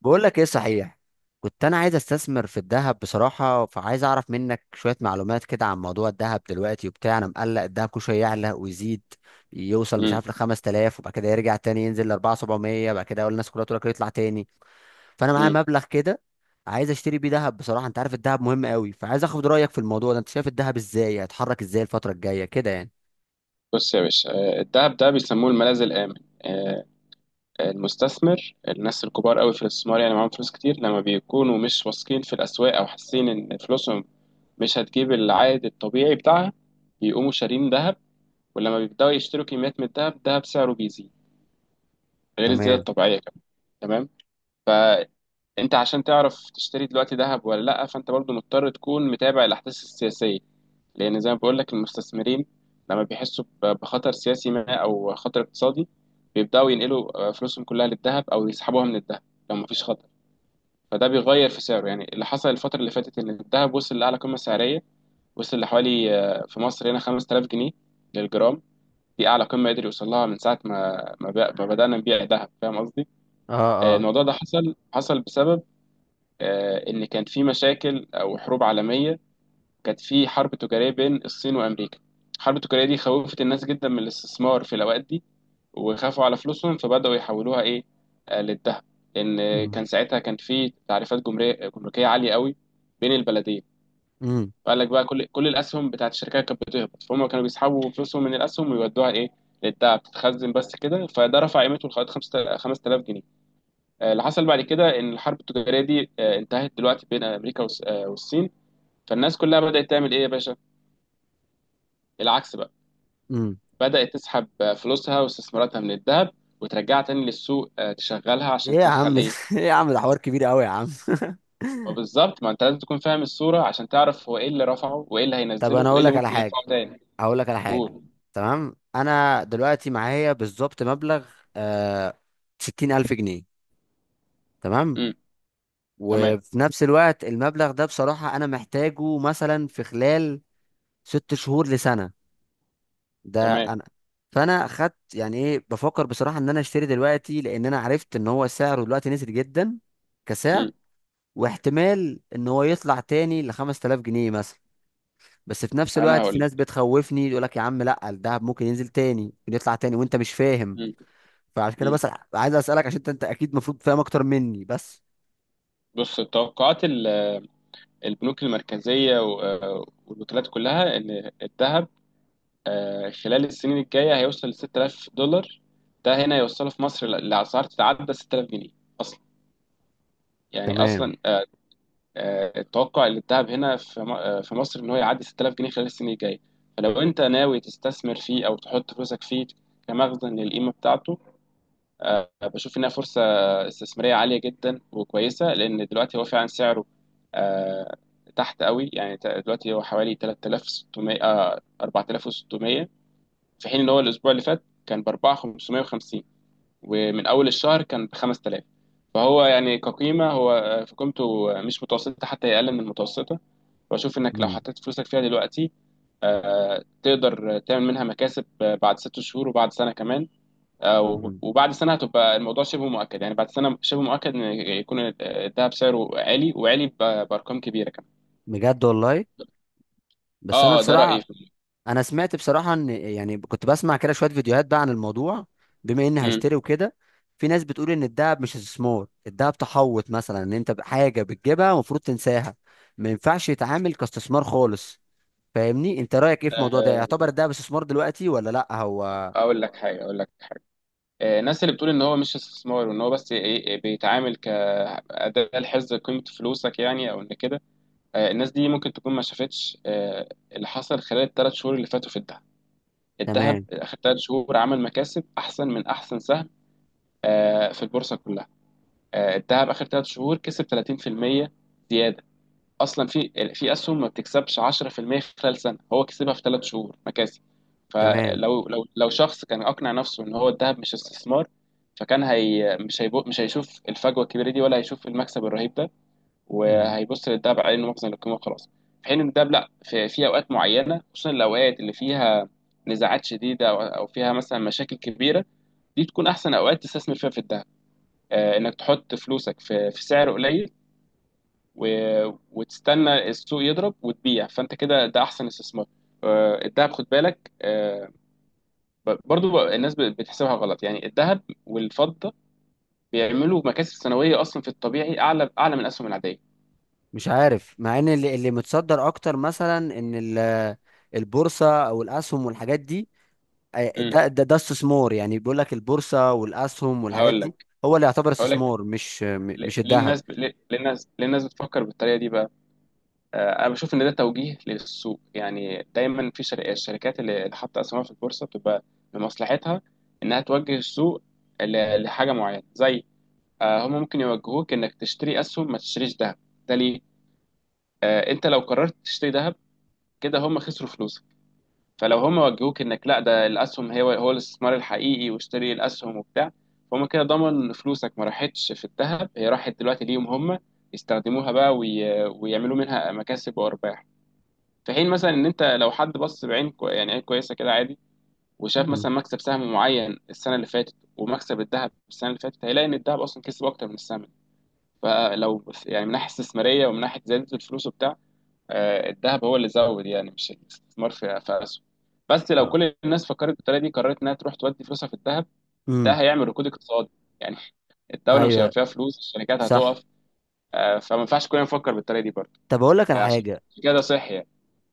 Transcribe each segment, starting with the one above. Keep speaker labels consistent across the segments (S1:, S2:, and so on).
S1: بقول لك ايه؟ صحيح. كنت انا عايز استثمر في الذهب بصراحه، فعايز اعرف منك شويه معلومات كده عن موضوع الذهب دلوقتي وبتاع. انا مقلق، الذهب كل شويه يعلى ويزيد. يوصل مش
S2: مم.
S1: عارف ل 5000، وبعد كده يرجع تاني ينزل ل 4700، بعد كده اقول الناس كلها تقول لك يطلع تاني. فانا معايا
S2: مم.
S1: مبلغ كده، عايز اشتري بيه ذهب بصراحه. انت عارف الذهب مهم قوي، فعايز اخد رايك في الموضوع ده. انت شايف الذهب ازاي؟ هيتحرك ازاي الفتره الجايه كده يعني؟
S2: بص يا باشا، الدهب ده بيسموه الملاذ الآمن. آه، المستثمر، الناس الكبار قوي في الاستثمار يعني معاهم فلوس كتير. لما بيكونوا مش واثقين في الأسواق أو حاسين إن فلوسهم مش هتجيب العائد الطبيعي بتاعها بيقوموا شارين ذهب. ولما بيبدأوا يشتروا كميات من الذهب، الذهب سعره بيزيد غير الزيادة
S1: تمام.
S2: الطبيعية كمان. تمام. فأنت عشان تعرف تشتري دلوقتي ذهب ولا لأ، فأنت برضو مضطر تكون متابع الأحداث السياسية، لأن زي ما بقول لك المستثمرين لما بيحسوا بخطر سياسي ما أو خطر اقتصادي بيبدأوا ينقلوا فلوسهم كلها للذهب أو يسحبوها من الذهب. لو مفيش خطر، فده بيغير في سعره. يعني اللي حصل الفترة اللي فاتت إن الذهب وصل لأعلى قمة سعرية. وصل لحوالي في مصر هنا 5000 جنيه للجرام. دي أعلى قمة قدر يوصل لها من ساعة ما بدأنا نبيع ذهب. فاهم قصدي؟
S1: اه، اه.
S2: الموضوع ده حصل حصل بسبب إن كان في مشاكل أو حروب عالمية. كانت في حرب تجارية بين الصين وأمريكا. الحرب التجارية دي خوفت الناس جدا من الاستثمار في الأوقات دي، وخافوا على فلوسهم فبدأوا يحولوها إيه؟ للذهب، لأن
S1: امم
S2: كان ساعتها كان في تعريفات جمركية جمركية عالية قوي بين البلدين.
S1: امم
S2: فقال لك بقى كل الأسهم بتاعت الشركات كانت بتهبط، فهم كانوا بيسحبوا فلوسهم من الأسهم ويودوها إيه؟ للذهب تتخزن بس كده، فده رفع قيمته لغاية 5000 جنيه. اللي حصل بعد كده إن الحرب التجارية دي انتهت دلوقتي بين أمريكا والصين. فالناس كلها بدأت تعمل إيه يا باشا؟ العكس بقى.
S1: امم
S2: بدأت تسحب فلوسها واستثماراتها من الذهب وترجعها تاني للسوق، تشغلها
S1: ايه
S2: عشان
S1: يا عم
S2: تدخل
S1: ده؟
S2: ايه.
S1: ايه يا عم ده حوار كبير قوي يا عم.
S2: وبالظبط، ما انت لازم تكون فاهم الصورة عشان تعرف هو ايه اللي رفعه وايه اللي
S1: طب
S2: هينزله
S1: انا
S2: وايه
S1: اقول
S2: اللي
S1: لك على
S2: ممكن يرفعه
S1: حاجه،
S2: تاني.
S1: هقول لك على حاجه.
S2: قول.
S1: تمام، انا دلوقتي معايا بالظبط مبلغ، آه 60000 جنيه. تمام.
S2: امم. تمام.
S1: وفي نفس الوقت المبلغ ده بصراحه انا محتاجه مثلا في خلال 6 شهور لسنه. ده
S2: تمام.
S1: انا فانا خدت، يعني ايه، بفكر بصراحه ان انا اشتري دلوقتي، لان انا عرفت ان هو سعره دلوقتي نزل جدا كسعر.
S2: امم.
S1: واحتمال ان هو يطلع تاني ل 5000 جنيه مثلا. بس في نفس
S2: انا
S1: الوقت
S2: هقول
S1: في
S2: لك.
S1: ناس بتخوفني، يقول لك يا عم لا، الدهب ممكن ينزل تاني ممكن يطلع تاني وانت مش فاهم.
S2: امم.
S1: فعشان كده
S2: امم.
S1: بس عايز اسالك، عشان انت اكيد المفروض فاهم اكتر مني بس.
S2: بص، توقعات البنوك المركزية والوكالات كلها ان الذهب خلال السنين الجاية هيوصل ل 6000 دولار. ده هنا يوصله في مصر لأسعار تتعدى 6000 جنيه اصلا. يعني
S1: تمام.
S2: اصلا التوقع اللي اتذهب هنا في في مصر ان هو يعدي 6000 جنيه خلال السنين الجايه. فلو انت ناوي تستثمر فيه او تحط فلوسك فيه كمخزن للقيمه بتاعته، بشوف انها فرصه استثماريه عاليه جدا وكويسه، لان دلوقتي هو فعلا سعره آه، تحت قوي. يعني دلوقتي هو حوالي 3600 4600، في حين ان هو الاسبوع اللي فات كان ب 4550، ومن اول الشهر كان ب 5000. فهو يعني كقيمة هو في قيمته مش متوسطة، حتى هي أقل من المتوسطة. بشوف انك لو
S1: مم.
S2: حطيت فلوسك فيها دلوقتي، تقدر تعمل منها مكاسب بعد ست شهور وبعد سنة كمان.
S1: مم.
S2: وبعد سنة هتبقى الموضوع شبه مؤكد. يعني بعد سنة شبه مؤكد ان يكون الذهب سعره عالي وعالي بأرقام كبيرة كمان.
S1: بجد والله. بس انا
S2: اه، ده رأيي
S1: بصراحه،
S2: في.
S1: انا سمعت بصراحه ان، يعني كنت بسمع كده شويه فيديوهات بقى عن الموضوع، بما اني
S2: امم.
S1: هشتري وكده. في ناس بتقول ان الدهب مش استثمار، الدهب تحوط، مثلا ان انت حاجه بتجيبها المفروض تنساها، ما ينفعش يتعامل كاستثمار خالص. فاهمني؟ انت رايك ايه في الموضوع ده؟
S2: آه،
S1: يعتبر الدهب استثمار دلوقتي ولا لا؟ هو
S2: اقول لك حاجة. الناس اللي بتقول ان هو مش استثمار وان هو بس إيه- إيه، بيتعامل كأداة لحفظ قيمة فلوسك يعني، او ان كده، الناس دي ممكن تكون ما شافتش اللي حصل خلال الثلاث شهور اللي فاتوا في الدهب. الذهب
S1: تمام
S2: اخر ثلاث شهور عمل مكاسب احسن من احسن سهم في البورصه كلها. الذهب اخر ثلاث شهور كسب 30% زياده. اصلا في اسهم ما بتكسبش 10% خلال سنه، هو كسبها في ثلاث شهور مكاسب.
S1: تمام.
S2: فلو لو لو شخص كان اقنع نفسه ان هو الذهب مش استثمار، فكان هي مش هيبو مش هيشوف الفجوه الكبيره دي ولا هيشوف المكسب الرهيب ده،
S1: مم.
S2: وهيبص للده بعين مخزن للقيمه وخلاص. في حين ان الدهب لا، في اوقات معينه، خصوصا الاوقات اللي فيها نزاعات شديده او فيها مثلا مشاكل كبيره، دي تكون احسن اوقات تستثمر فيها في الدهب. انك تحط فلوسك في سعر قليل وتستنى السوق يضرب وتبيع، فانت كده ده احسن استثمار. الدهب خد بالك، برضو بقى الناس بتحسبها غلط. يعني الذهب والفضه بيعملوا مكاسب سنويه اصلا في الطبيعي اعلى اعلى من الاسهم العاديه.
S1: مش عارف، مع ان اللي متصدر اكتر مثلا ان البورصه او الاسهم والحاجات دي،
S2: امم.
S1: ده استثمار يعني. بيقول لك البورصه والاسهم والحاجات
S2: هقول
S1: دي
S2: لك
S1: هو اللي يعتبر
S2: هقول لك
S1: استثمار، مش
S2: ليه.
S1: مش الذهب.
S2: الناس بتفكر بالطريقه دي بقى؟ انا بشوف ان ده توجيه للسوق. يعني دايما في الشركات اللي حاطه اسهمها في البورصه بتبقى لمصلحتها انها توجه السوق لحاجه معينه. زي هم ممكن يوجهوك انك تشتري اسهم، ما تشتريش ذهب. ده ليه؟ انت لو قررت تشتري ذهب، كده هم خسروا فلوسك. فلو هم وجهوك انك لا، ده الاسهم هي هو الاستثمار الحقيقي، واشتري الاسهم وبتاع، فهم كده ضمن إن فلوسك ما راحتش في الذهب، هي راحت دلوقتي ليهم هم يستخدموها بقى ويعملوا منها مكاسب وارباح. في حين مثلا ان انت لو حد بص بعين يعني عين كويسه كده عادي، وشاف
S1: امم.
S2: مثلا مكسب سهم معين السنه اللي فاتت ومكسب الذهب السنه اللي فاتت، هيلاقي ان الذهب اصلا كسب اكتر من السهم. فلو يعني من ناحيه استثماريه ومن ناحيه زياده الفلوس وبتاع، الذهب هو اللي زود. يعني مش الاستثمار في اسهم. بس لو كل الناس فكرت بالطريقه دي قررت انها تروح تودي فلوسها في الذهب، ده
S1: امم.
S2: هيعمل ركود اقتصادي. يعني الدوله مش هيبقى
S1: ايوه.
S2: فيها فلوس، الشركات
S1: صح.
S2: هتقف. فما ينفعش كلنا نفكر بالطريقه دي برضه.
S1: طب اقول لك على
S2: عشان
S1: حاجه.
S2: كده ده صحي يعني.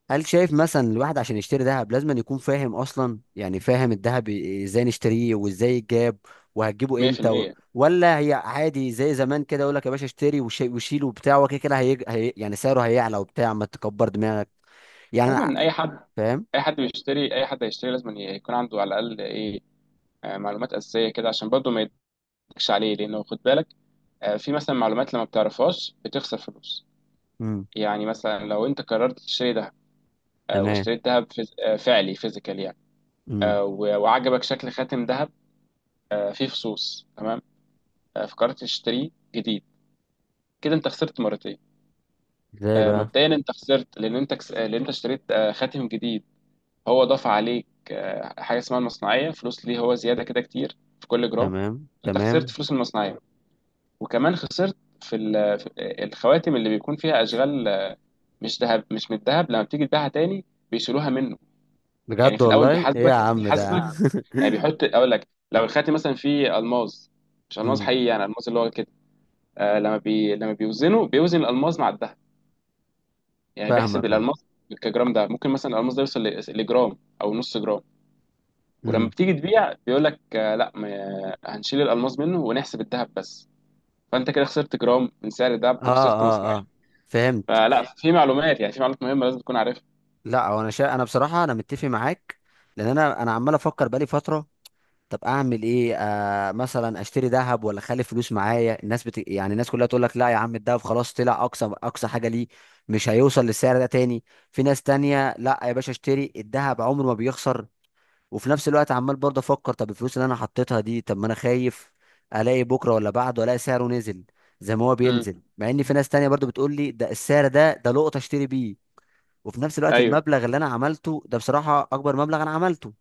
S1: هل شايف مثلا الواحد عشان يشتري ذهب لازم أن يكون فاهم اصلا، يعني فاهم الذهب ازاي نشتريه وازاي يتجاب وهتجيبه امتى
S2: 100%.
S1: ولا هي عادي زي زمان كده، يقول لك يا باشا اشتري وشيل وبتاع وكده كده، هي... هي... يعني سعره هيعلى وبتاع ما تكبر دماغك. يعني
S2: عموما،
S1: فاهم.
S2: اي حد هيشتري لازم يكون عنده على الاقل ايه؟ معلومات اساسيه كده، عشان برضه ما يضحكش عليه. لانه خد بالك، في مثلا معلومات لما بتعرفهاش بتخسر فلوس.
S1: امم.
S2: يعني مثلا لو انت قررت تشتري ده،
S1: تمام.
S2: واشتريت دهب فيز... آه، فعلي، فيزيكال يعني،
S1: امم.
S2: وعجبك شكل خاتم دهب فيه فصوص. تمام؟ فكرت تشتريه جديد، كده انت خسرت مرتين.
S1: ازاي بقى؟
S2: مبدئيا انت خسرت لان انت كس... آه، لان انت اشتريت خاتم جديد. هو ضاف عليك حاجه اسمها المصنعيه، فلوس، ليه هو زياده كده كتير في كل جرام.
S1: تمام،
S2: انت خسرت
S1: تمام.
S2: فلوس المصنعيه، وكمان خسرت في, ال... في الخواتم اللي بيكون فيها اشغال مش ذهب، مش من الذهب، لما بتيجي تبيعها تاني بيشيلوها منه. يعني
S1: بجد
S2: في الاول
S1: والله ايه يا
S2: بيحاسبك
S1: عم ده.
S2: بيحاسبك. يعني بيحط، اقول لك، لو الخاتم مثلا فيه الماس، مش الماس
S1: امم.
S2: حقيقي، يعني الماس اللي هو كده، آه، لما بيوزنه بيوزن الالماس مع الذهب. يعني بيحسب
S1: فاهمك.
S2: الالماس كجرام. ده ممكن مثلا الالماس ده يوصل لجرام او نص جرام. ولما
S1: امم.
S2: بتيجي تبيع بيقول لك آه لا، ما هنشيل الالماس منه ونحسب الذهب بس. فانت كده خسرت جرام من سعر الذهب
S1: اه،
S2: وخسرت مصنعيه.
S1: اه، اه. فهمت.
S2: فلا، في معلومات، يعني في معلومات مهمه لازم تكون عارفها.
S1: لا، هو انا بصراحه انا متفق معاك، لان انا عمال افكر بقالي فتره. طب اعمل ايه؟ مثلا اشتري ذهب ولا اخلي فلوس معايا؟ يعني الناس كلها تقول لك لا يا عم، الذهب خلاص طلع اقصى اقصى حاجه ليه، مش هيوصل للسعر ده تاني. في ناس تانية، لا يا باشا اشتري، الذهب عمره ما بيخسر. وفي نفس الوقت عمال برضه افكر، طب الفلوس اللي انا حطيتها دي، طب ما انا خايف الاقي بكره ولا بعده الاقي سعره نزل زي ما هو
S2: امم.
S1: بينزل، مع ان في ناس تانية برضه بتقول لي ده السعر ده لقطه اشتري بيه. وفي نفس الوقت
S2: ايوه.
S1: المبلغ اللي انا عملته ده بصراحه اكبر مبلغ انا عملته،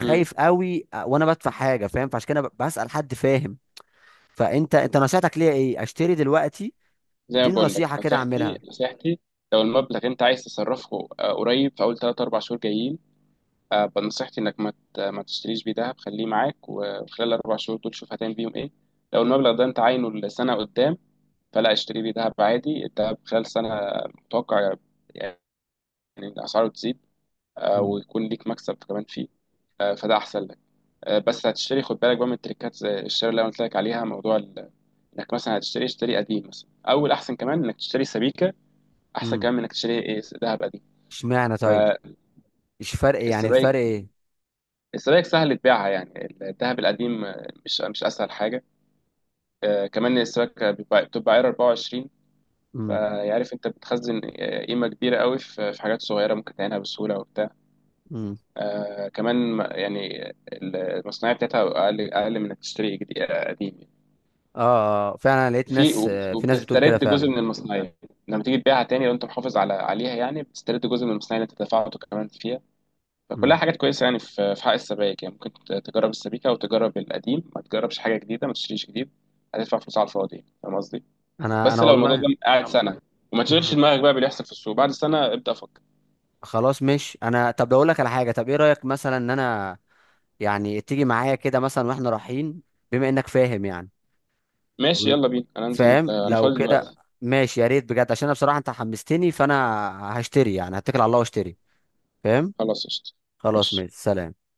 S2: مم.
S1: قوي وانا بدفع حاجه فاهم. فعشان كده بسال حد فاهم. فانت نصيحتك ليا ايه؟ اشتري دلوقتي؟
S2: زي ما
S1: اديني
S2: بقول لك،
S1: نصيحه كده
S2: نصيحتي،
S1: اعملها.
S2: نصيحتي لو المبلغ انت عايز تصرفه قريب في اول 3 4 شهور جايين، نصيحتي انك ما تشتريش بيه دهب. خليه معاك وخلال الاربع شهور دول شوف هتعمل بيهم ايه. لو المبلغ ده انت عاينه لسنه قدام، فلا، اشتري بيه دهب عادي. الدهب خلال سنه متوقع، يعني، إن اسعاره تزيد
S1: امم.
S2: ويكون ليك مكسب كمان فيه. فده احسن لك. بس هتشتري خد بالك بقى من التريكات. زي الشراء اللي انا قلت لك عليها، موضوع انك مثلا هتشتري، اشتري قديم مثلا، او الاحسن كمان انك تشتري سبيكه، احسن
S1: امم.
S2: كمان من انك تشتري ايه ذهب قديم.
S1: اشمعنى طيب؟ ايش فرق، يعني
S2: فالسبائك،
S1: الفرق ايه؟
S2: السبائك سهل تبيعها، يعني الذهب القديم مش اسهل حاجه. كمان السبائك بتبقى عيار 24.
S1: امم.
S2: فيعرف انت بتخزن قيمه كبيره قوي في حاجات صغيره ممكن تعينها بسهوله وبتاع.
S1: امم.
S2: كمان ما، يعني المصنعيه بتاعتها اقل اقل من انك تشتري قديم يعني.
S1: اه. آه، آه. فعلا لقيت ناس، في ناس بتقول كده
S2: وبتسترد جزء
S1: فعلا.
S2: من المصنعيه لما تيجي تبيعها تاني، لو انت محافظ عليها، يعني بتسترد جزء من المصنعيه اللي انت دفعته كمان فيها. فكلها
S1: امم.
S2: حاجات كويسة. يعني في حق السبائك يعني ممكن تجرب السبيكة وتجرب القديم، ما تجربش حاجة جديدة، ما تشتريش جديد. هتدفع فلوس على الفاضي، فاهم قصدي؟
S1: انا
S2: بس لو الموضوع
S1: والله.
S2: ده قاعد فاهم سنة وما تشغلش
S1: مم.
S2: دماغك بقى باللي يحصل في السوق بعد سنة، ابدأ فكر.
S1: خلاص مش انا. طب اقول لك على حاجه، طب ايه رايك مثلا ان انا، يعني تيجي معايا كده مثلا واحنا رايحين، بما انك فاهم يعني.
S2: ماشي،
S1: م-
S2: يلا بينا، أنا أنزل،
S1: فاهم
S2: أنا
S1: لو
S2: فاضي
S1: كده،
S2: دلوقتي.
S1: ماشي يا ريت بجد، عشان انا بصراحه انت حمستني، فانا هشتري يعني، هتكل على الله واشتري. فاهم.
S2: خلاص قشطة.
S1: خلاص،
S2: ماشي.
S1: ماشي، سلام.